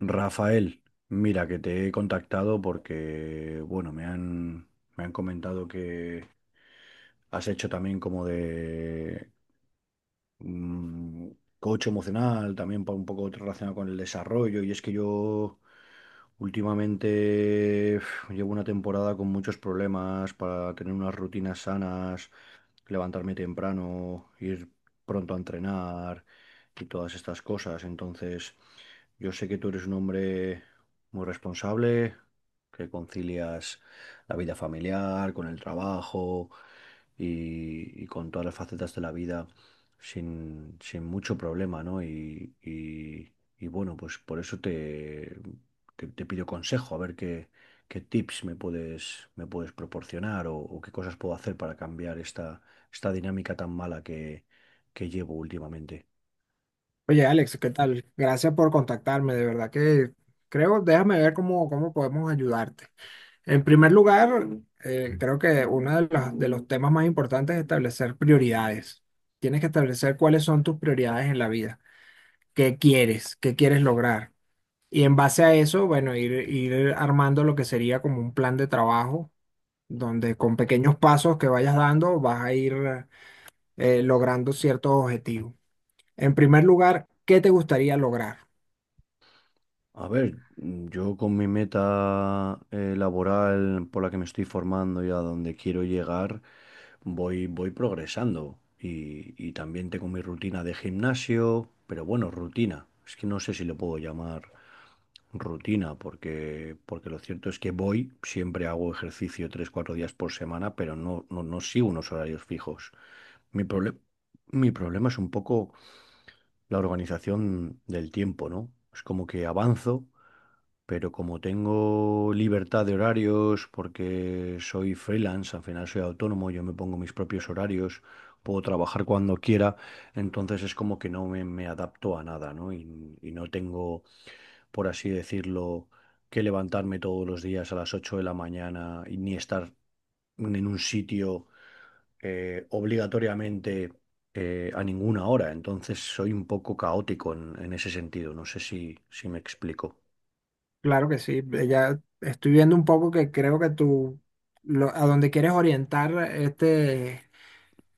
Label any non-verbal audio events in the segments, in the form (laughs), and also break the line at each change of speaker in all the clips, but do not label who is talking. Rafael, mira que te he contactado porque, bueno, me han comentado que, has hecho también como de mm, coach emocional, también para un poco relacionado con el desarrollo. Y es que yo últimamente llevo una temporada con muchos problemas para tener unas rutinas sanas, levantarme temprano, ir pronto a entrenar y todas estas cosas. Entonces, yo sé que tú eres un hombre muy responsable, que concilias la vida familiar con el trabajo y con todas las facetas de la vida sin mucho problema, ¿no? Y bueno, pues por eso te pido consejo, a ver qué, qué tips me puedes proporcionar o qué cosas puedo hacer para cambiar esta dinámica tan mala que llevo últimamente.
Oye, Alex, ¿qué tal? Gracias por contactarme, de verdad que creo, déjame ver cómo podemos ayudarte. En primer lugar, creo que uno de los temas más importantes es establecer prioridades. Tienes que establecer cuáles son tus prioridades en la vida, qué quieres lograr. Y en base a eso, bueno, ir armando lo que sería como un plan de trabajo, donde con pequeños pasos que vayas dando vas a ir logrando ciertos objetivos. En primer lugar, ¿qué te gustaría lograr?
A ver, yo con mi meta laboral por la que me estoy formando y a donde quiero llegar, voy progresando. Y también tengo mi rutina de gimnasio, pero bueno, rutina. Es que no sé si lo puedo llamar rutina, porque lo cierto es que voy, siempre hago ejercicio tres, cuatro días por semana, pero no sigo unos horarios fijos. Mi proble- Mi problema es un poco la organización del tiempo, ¿no? Es como que avanzo pero como tengo libertad de horarios, porque soy freelance, al final soy autónomo, yo me pongo mis propios horarios, puedo trabajar cuando quiera, entonces es como que no me, me adapto a nada, ¿no? Y no tengo, por así decirlo, que levantarme todos los días a las 8 de la mañana y ni estar en un sitio obligatoriamente a ninguna hora. Entonces soy un poco caótico en ese sentido. No sé si me explico.
Claro que sí, ya estoy viendo un poco que creo que tú, a donde quieres orientar este,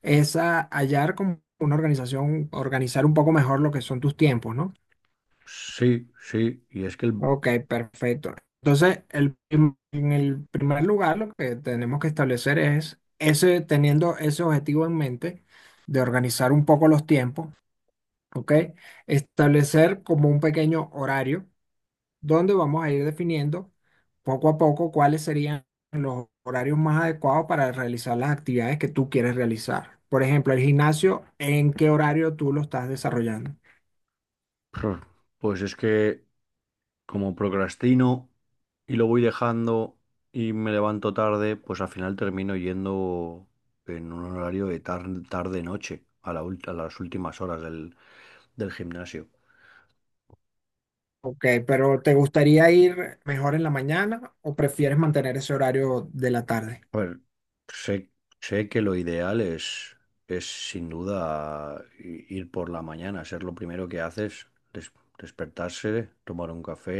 es a hallar como una organización, organizar un poco mejor lo que son tus tiempos, ¿no?
Sí, sí, y es que el...
Ok, perfecto. Entonces, en el primer lugar, lo que tenemos que establecer es ese, teniendo ese objetivo en mente de organizar un poco los tiempos, ¿ok? Establecer como un pequeño horario, donde vamos a ir definiendo poco a poco cuáles serían los horarios más adecuados para realizar las actividades que tú quieres realizar. Por ejemplo, el gimnasio, ¿en qué horario tú lo estás desarrollando?
Pues es que como procrastino y lo voy dejando y me levanto tarde, pues al final termino yendo en un horario de tarde-noche, a las últimas horas del gimnasio.
Ok, pero ¿te gustaría ir mejor en la mañana o prefieres mantener ese horario de la tarde?
A ver, sé, sé que lo ideal es sin duda ir por la mañana, ser lo primero que haces, des- despertarse, tomar un café,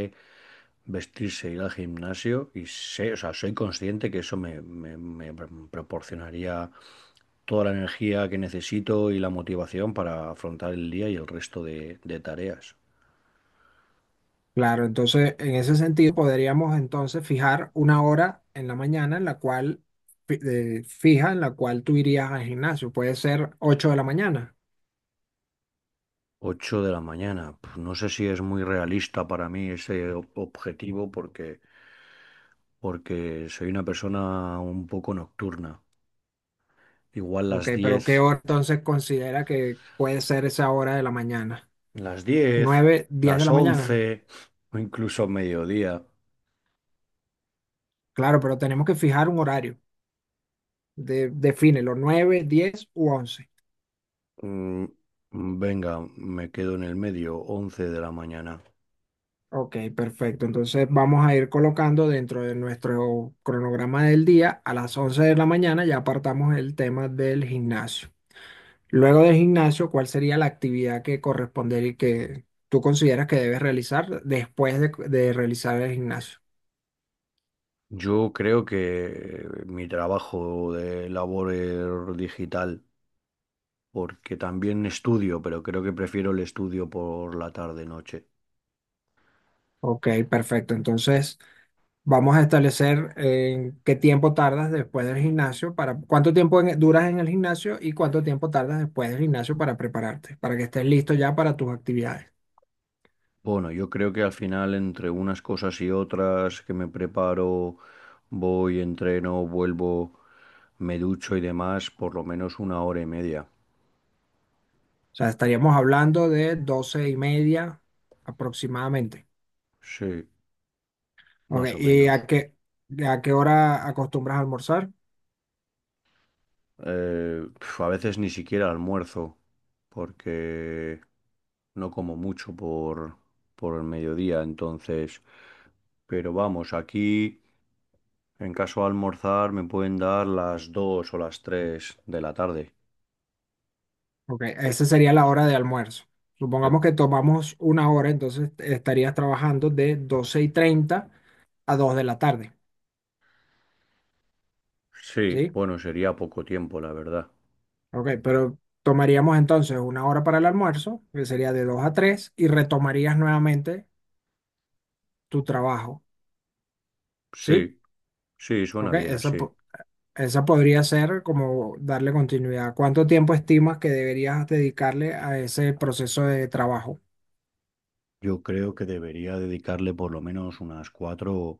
vestirse, ir al gimnasio y sé, o sea, soy consciente que eso proporcionaría toda la energía que necesito y la motivación para afrontar el día y el resto de tareas.
Claro, entonces en ese sentido podríamos entonces fijar una hora en la mañana en la cual, fija en la cual tú irías al gimnasio. Puede ser 8 de la mañana.
Ocho de la mañana. No sé si es muy realista para mí ese objetivo porque soy una persona un poco nocturna. Igual
Ok,
las
pero ¿qué
diez,
hora entonces considera que puede ser esa hora de la mañana?
las diez,
¿Nueve, diez de
las
la mañana?
11 o incluso mediodía.
Claro, pero tenemos que fijar un horario. Defínelo, 9, 10 u 11.
Mm, Venga, me quedo en el medio, 11 de la mañana.
Ok, perfecto. Entonces vamos a ir colocando dentro de nuestro cronograma del día, a las 11 de la mañana ya apartamos el tema del gimnasio. Luego del gimnasio, ¿cuál sería la actividad que correspondería y que tú consideras que debes realizar después de realizar el gimnasio?
Yo creo que mi trabajo de labor digital, porque también estudio, pero creo que prefiero el estudio por la tarde-noche.
Ok, perfecto. Entonces... Vamos a establecer en qué tiempo tardas después del gimnasio para cuánto tiempo duras en el gimnasio y cuánto tiempo tardas después del gimnasio para prepararte, para que estés listo ya para tus actividades.
Bueno, yo creo que al final entre unas cosas y otras que me preparo, voy, entreno, vuelvo, me ducho y demás, por lo menos una hora y media.
O sea, estaríamos hablando de 12:30 aproximadamente.
Sí,
Ok,
más o
¿y
menos.
a qué hora acostumbras a almorzar?
A veces ni siquiera almuerzo, porque no como mucho por el mediodía, entonces... Pero vamos, aquí, en caso de almorzar, me pueden dar las 2 o las 3 de la tarde.
Ok, esa sería la hora de almuerzo.
Eh,
Supongamos que tomamos una hora, entonces estarías trabajando de 12:30 a 2 de la tarde,
sí,
¿sí?
bueno, sería poco tiempo, la verdad.
Ok, pero tomaríamos entonces una hora para el almuerzo, que sería de 2 a 3, y retomarías nuevamente tu trabajo, ¿sí?
Sí, sí, suena
Ok,
bien así.
esa podría ser como darle continuidad. ¿Cuánto tiempo estimas que deberías dedicarle a ese proceso de trabajo?
Yo creo que debería dedicarle por lo menos unas 4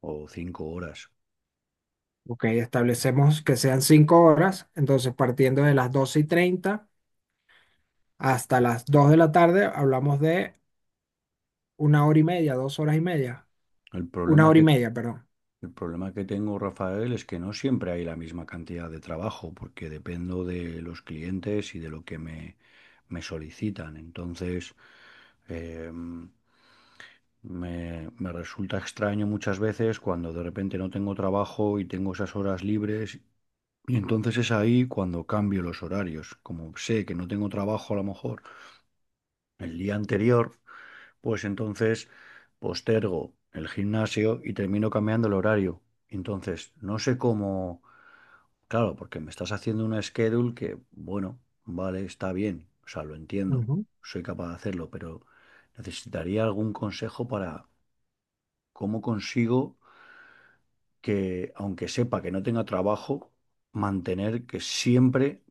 o 5 horas.
Ok, establecemos que sean 5 horas, entonces partiendo de las 12:30 hasta las 2 de la tarde, hablamos de una hora y media, dos horas y media,
El problema
una hora
que
y media, perdón.
El problema que tengo, Rafael, es que no siempre hay la misma cantidad de trabajo, porque dependo de los clientes y de lo que me solicitan. Entonces, eh, me resulta extraño muchas veces cuando de repente no tengo trabajo y tengo esas horas libres. Y entonces es ahí cuando cambio los horarios. Como sé que no tengo trabajo a lo mejor el día anterior, pues entonces postergo el gimnasio y termino cambiando el horario. Entonces, no sé cómo... Claro, porque me estás haciendo una schedule que, bueno, vale, está bien, o sea, lo entiendo,
Ujú,
soy capaz de hacerlo, pero necesitaría algún consejo para cómo consigo que, aunque sepa que no tenga trabajo, mantener que siempre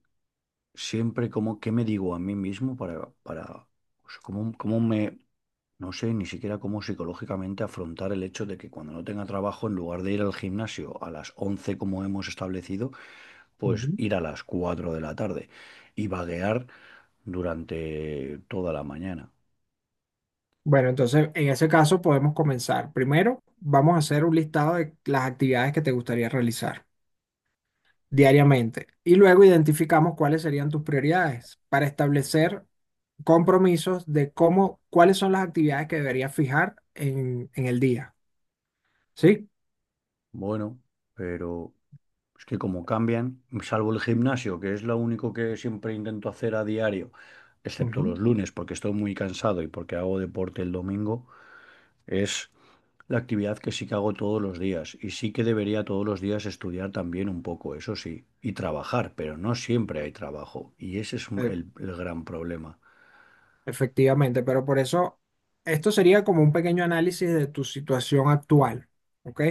siempre como qué me digo a mí mismo o sea, cómo me, no sé ni siquiera cómo psicológicamente afrontar el hecho de que cuando no tenga trabajo, en lugar de ir al gimnasio a las 11 como hemos establecido, pues
ujú.
ir a las 4 de la tarde y vaguear durante toda la mañana.
Bueno, entonces en ese caso podemos comenzar. Primero, vamos a hacer un listado de las actividades que te gustaría realizar diariamente y luego identificamos cuáles serían tus prioridades para establecer compromisos de cómo, cuáles son las actividades que deberías fijar en el día. ¿Sí?
Bueno, pero es que como cambian, salvo el gimnasio, que es lo único que siempre intento hacer a diario, excepto
Ujú.
los lunes porque estoy muy cansado y porque hago deporte el domingo. Es la actividad que sí que hago todos los días y sí que debería todos los días estudiar también un poco, eso sí, y trabajar, pero no siempre hay trabajo y ese es
Eh,
el gran problema.
Efectivamente, pero por eso esto sería como un pequeño análisis de tu situación actual. ¿Ok?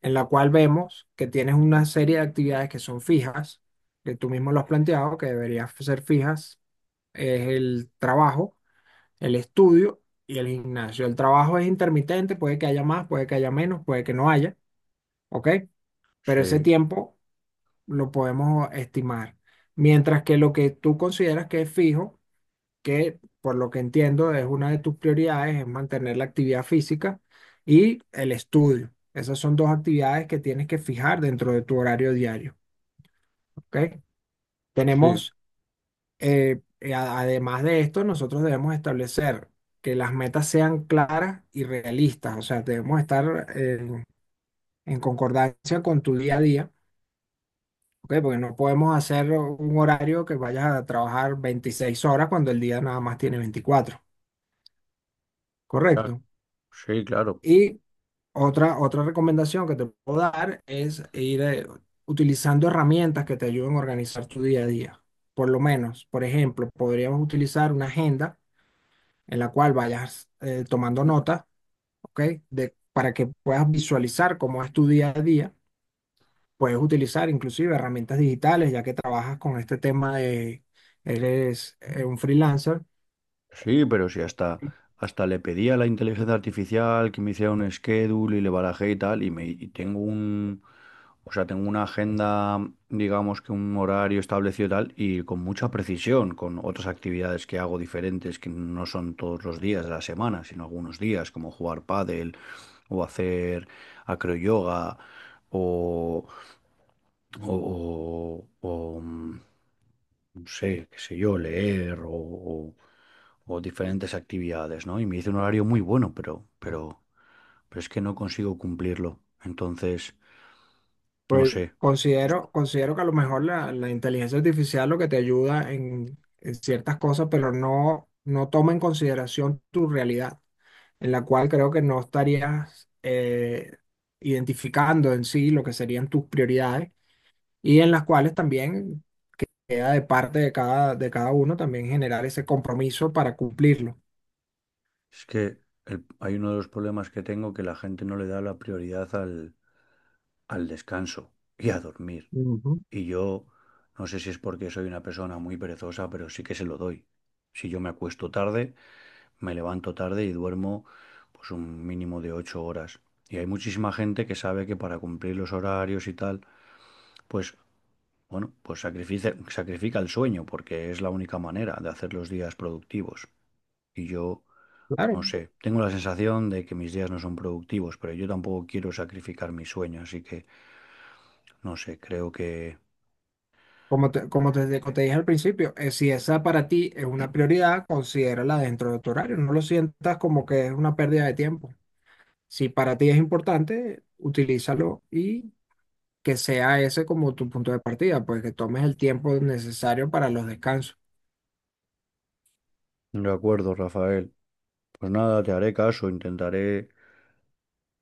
En la cual vemos que tienes una serie de actividades que son fijas, que tú mismo lo has planteado, que deberían ser fijas, es el trabajo, el estudio y el gimnasio. El trabajo es intermitente, puede que haya más, puede que haya menos, puede que no haya, ¿ok? Pero ese
Sí,
tiempo lo podemos estimar. Mientras que lo que tú consideras que es fijo, que por lo que entiendo es una de tus prioridades, es mantener la actividad física y el estudio. Esas son dos actividades que tienes que fijar dentro de tu horario diario, ¿ok?
sí,
Tenemos, además de esto, nosotros debemos establecer que las metas sean claras y realistas, o sea, debemos estar en concordancia con tu día a día. ¿Ok? Porque no podemos hacer un horario que vayas a trabajar 26 horas cuando el día nada más tiene 24,
claro,
¿correcto?
sí, claro.
Y otra recomendación que te puedo dar es ir utilizando herramientas que te ayuden a organizar tu día a día. Por lo menos, por ejemplo, podríamos utilizar una agenda en la cual vayas tomando notas, ¿ok? Para que puedas visualizar cómo es tu día a día. Puedes utilizar inclusive herramientas digitales, ya que trabajas con este tema de, eres un freelancer.
Sí, pero si hasta le pedí a la inteligencia artificial que me hiciera un schedule y le barajé y tal, y tengo un, o sea, tengo una agenda, digamos que un horario establecido y tal, y con mucha precisión, con otras actividades que hago diferentes, que no son todos los días de la semana, sino algunos días, como jugar pádel, o hacer acroyoga, o, o, o- o, mm, no sé, qué sé yo, leer, o diferentes actividades, ¿no? Y me dice un horario muy bueno, pero es que no consigo cumplirlo. Entonces, no
Pues
sé.
considero que a lo mejor la inteligencia artificial lo que te ayuda en ciertas cosas, pero no toma en consideración tu realidad, en la cual creo que no estarías identificando en sí lo que serían tus prioridades y en las cuales también queda de parte de cada uno también generar ese compromiso para cumplirlo.
Es que hay uno de los problemas que tengo que la gente no le da la prioridad al descanso y a dormir.
Ujú.
Y yo no sé si es porque soy una persona muy perezosa, pero sí que se lo doy. Si yo me acuesto tarde, me levanto tarde y duermo pues un mínimo de ocho horas. Y hay muchísima gente que sabe que para cumplir los horarios y tal, pues bueno, pues sacrifica, sacrifica el sueño porque es la única manera de hacer los días productivos. Y yo,
Claro,
no sé, tengo la sensación de que mis días no son productivos, pero yo tampoco quiero sacrificar mi sueño, así que, no sé, creo que...
como te dije al principio, si esa para ti es una prioridad, considérala dentro de tu horario. No lo sientas como que es una pérdida de tiempo. Si para ti es importante, utilízalo y que sea ese como tu punto de partida, pues que tomes el tiempo necesario para los descansos.
De acuerdo, Rafael. Pues nada, te haré caso, intentaré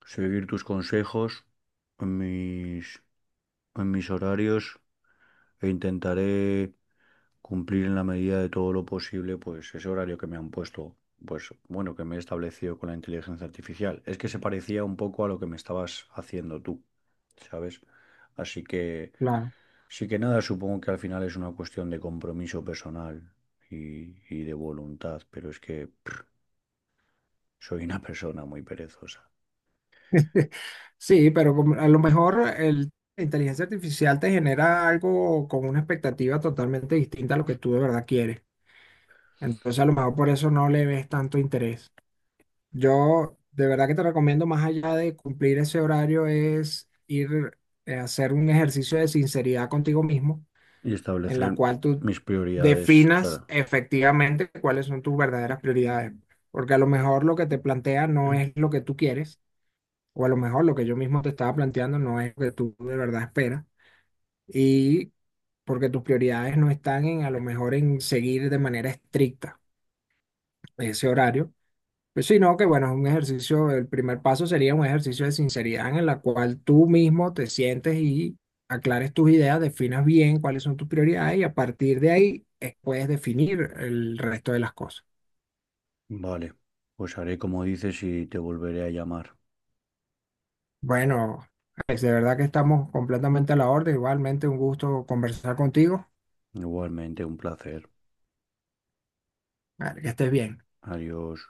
seguir tus consejos en mis, en mis horarios e intentaré cumplir en la medida de todo lo posible, pues ese horario que me han puesto, pues bueno, que me he establecido con la inteligencia artificial. Es que se parecía un poco a lo que me estabas haciendo tú, ¿sabes? Así que
Claro.
sí que nada, supongo que al final es una cuestión de compromiso personal y de voluntad, pero es que soy una persona muy perezosa.
(laughs) Sí, pero a lo mejor la inteligencia artificial te genera algo con una expectativa totalmente distinta a lo que tú de verdad quieres. Entonces a lo mejor por eso no le ves tanto interés. Yo de verdad que te recomiendo, más allá de cumplir ese horario, es ir a hacer un ejercicio de sinceridad contigo mismo,
Y
en la
establecer
cual tú
mis prioridades,
definas
claro.
efectivamente cuáles son tus verdaderas prioridades. Porque a lo mejor lo que te plantea no es lo que tú quieres, o a lo mejor lo que yo mismo te estaba planteando no es lo que tú de verdad esperas, y porque tus prioridades no están en a lo mejor en seguir de manera estricta ese horario. Pues sí, no, que bueno, es un ejercicio, el primer paso sería un ejercicio de sinceridad en la cual tú mismo te sientes y aclares tus ideas, definas bien cuáles son tus prioridades y a partir de ahí puedes definir el resto de las cosas.
Vale, pues haré como dices y te volveré a llamar.
Bueno, es de verdad que estamos completamente a la orden, igualmente un gusto conversar contigo.
Igualmente, un placer.
Vale, que estés bien.
Adiós.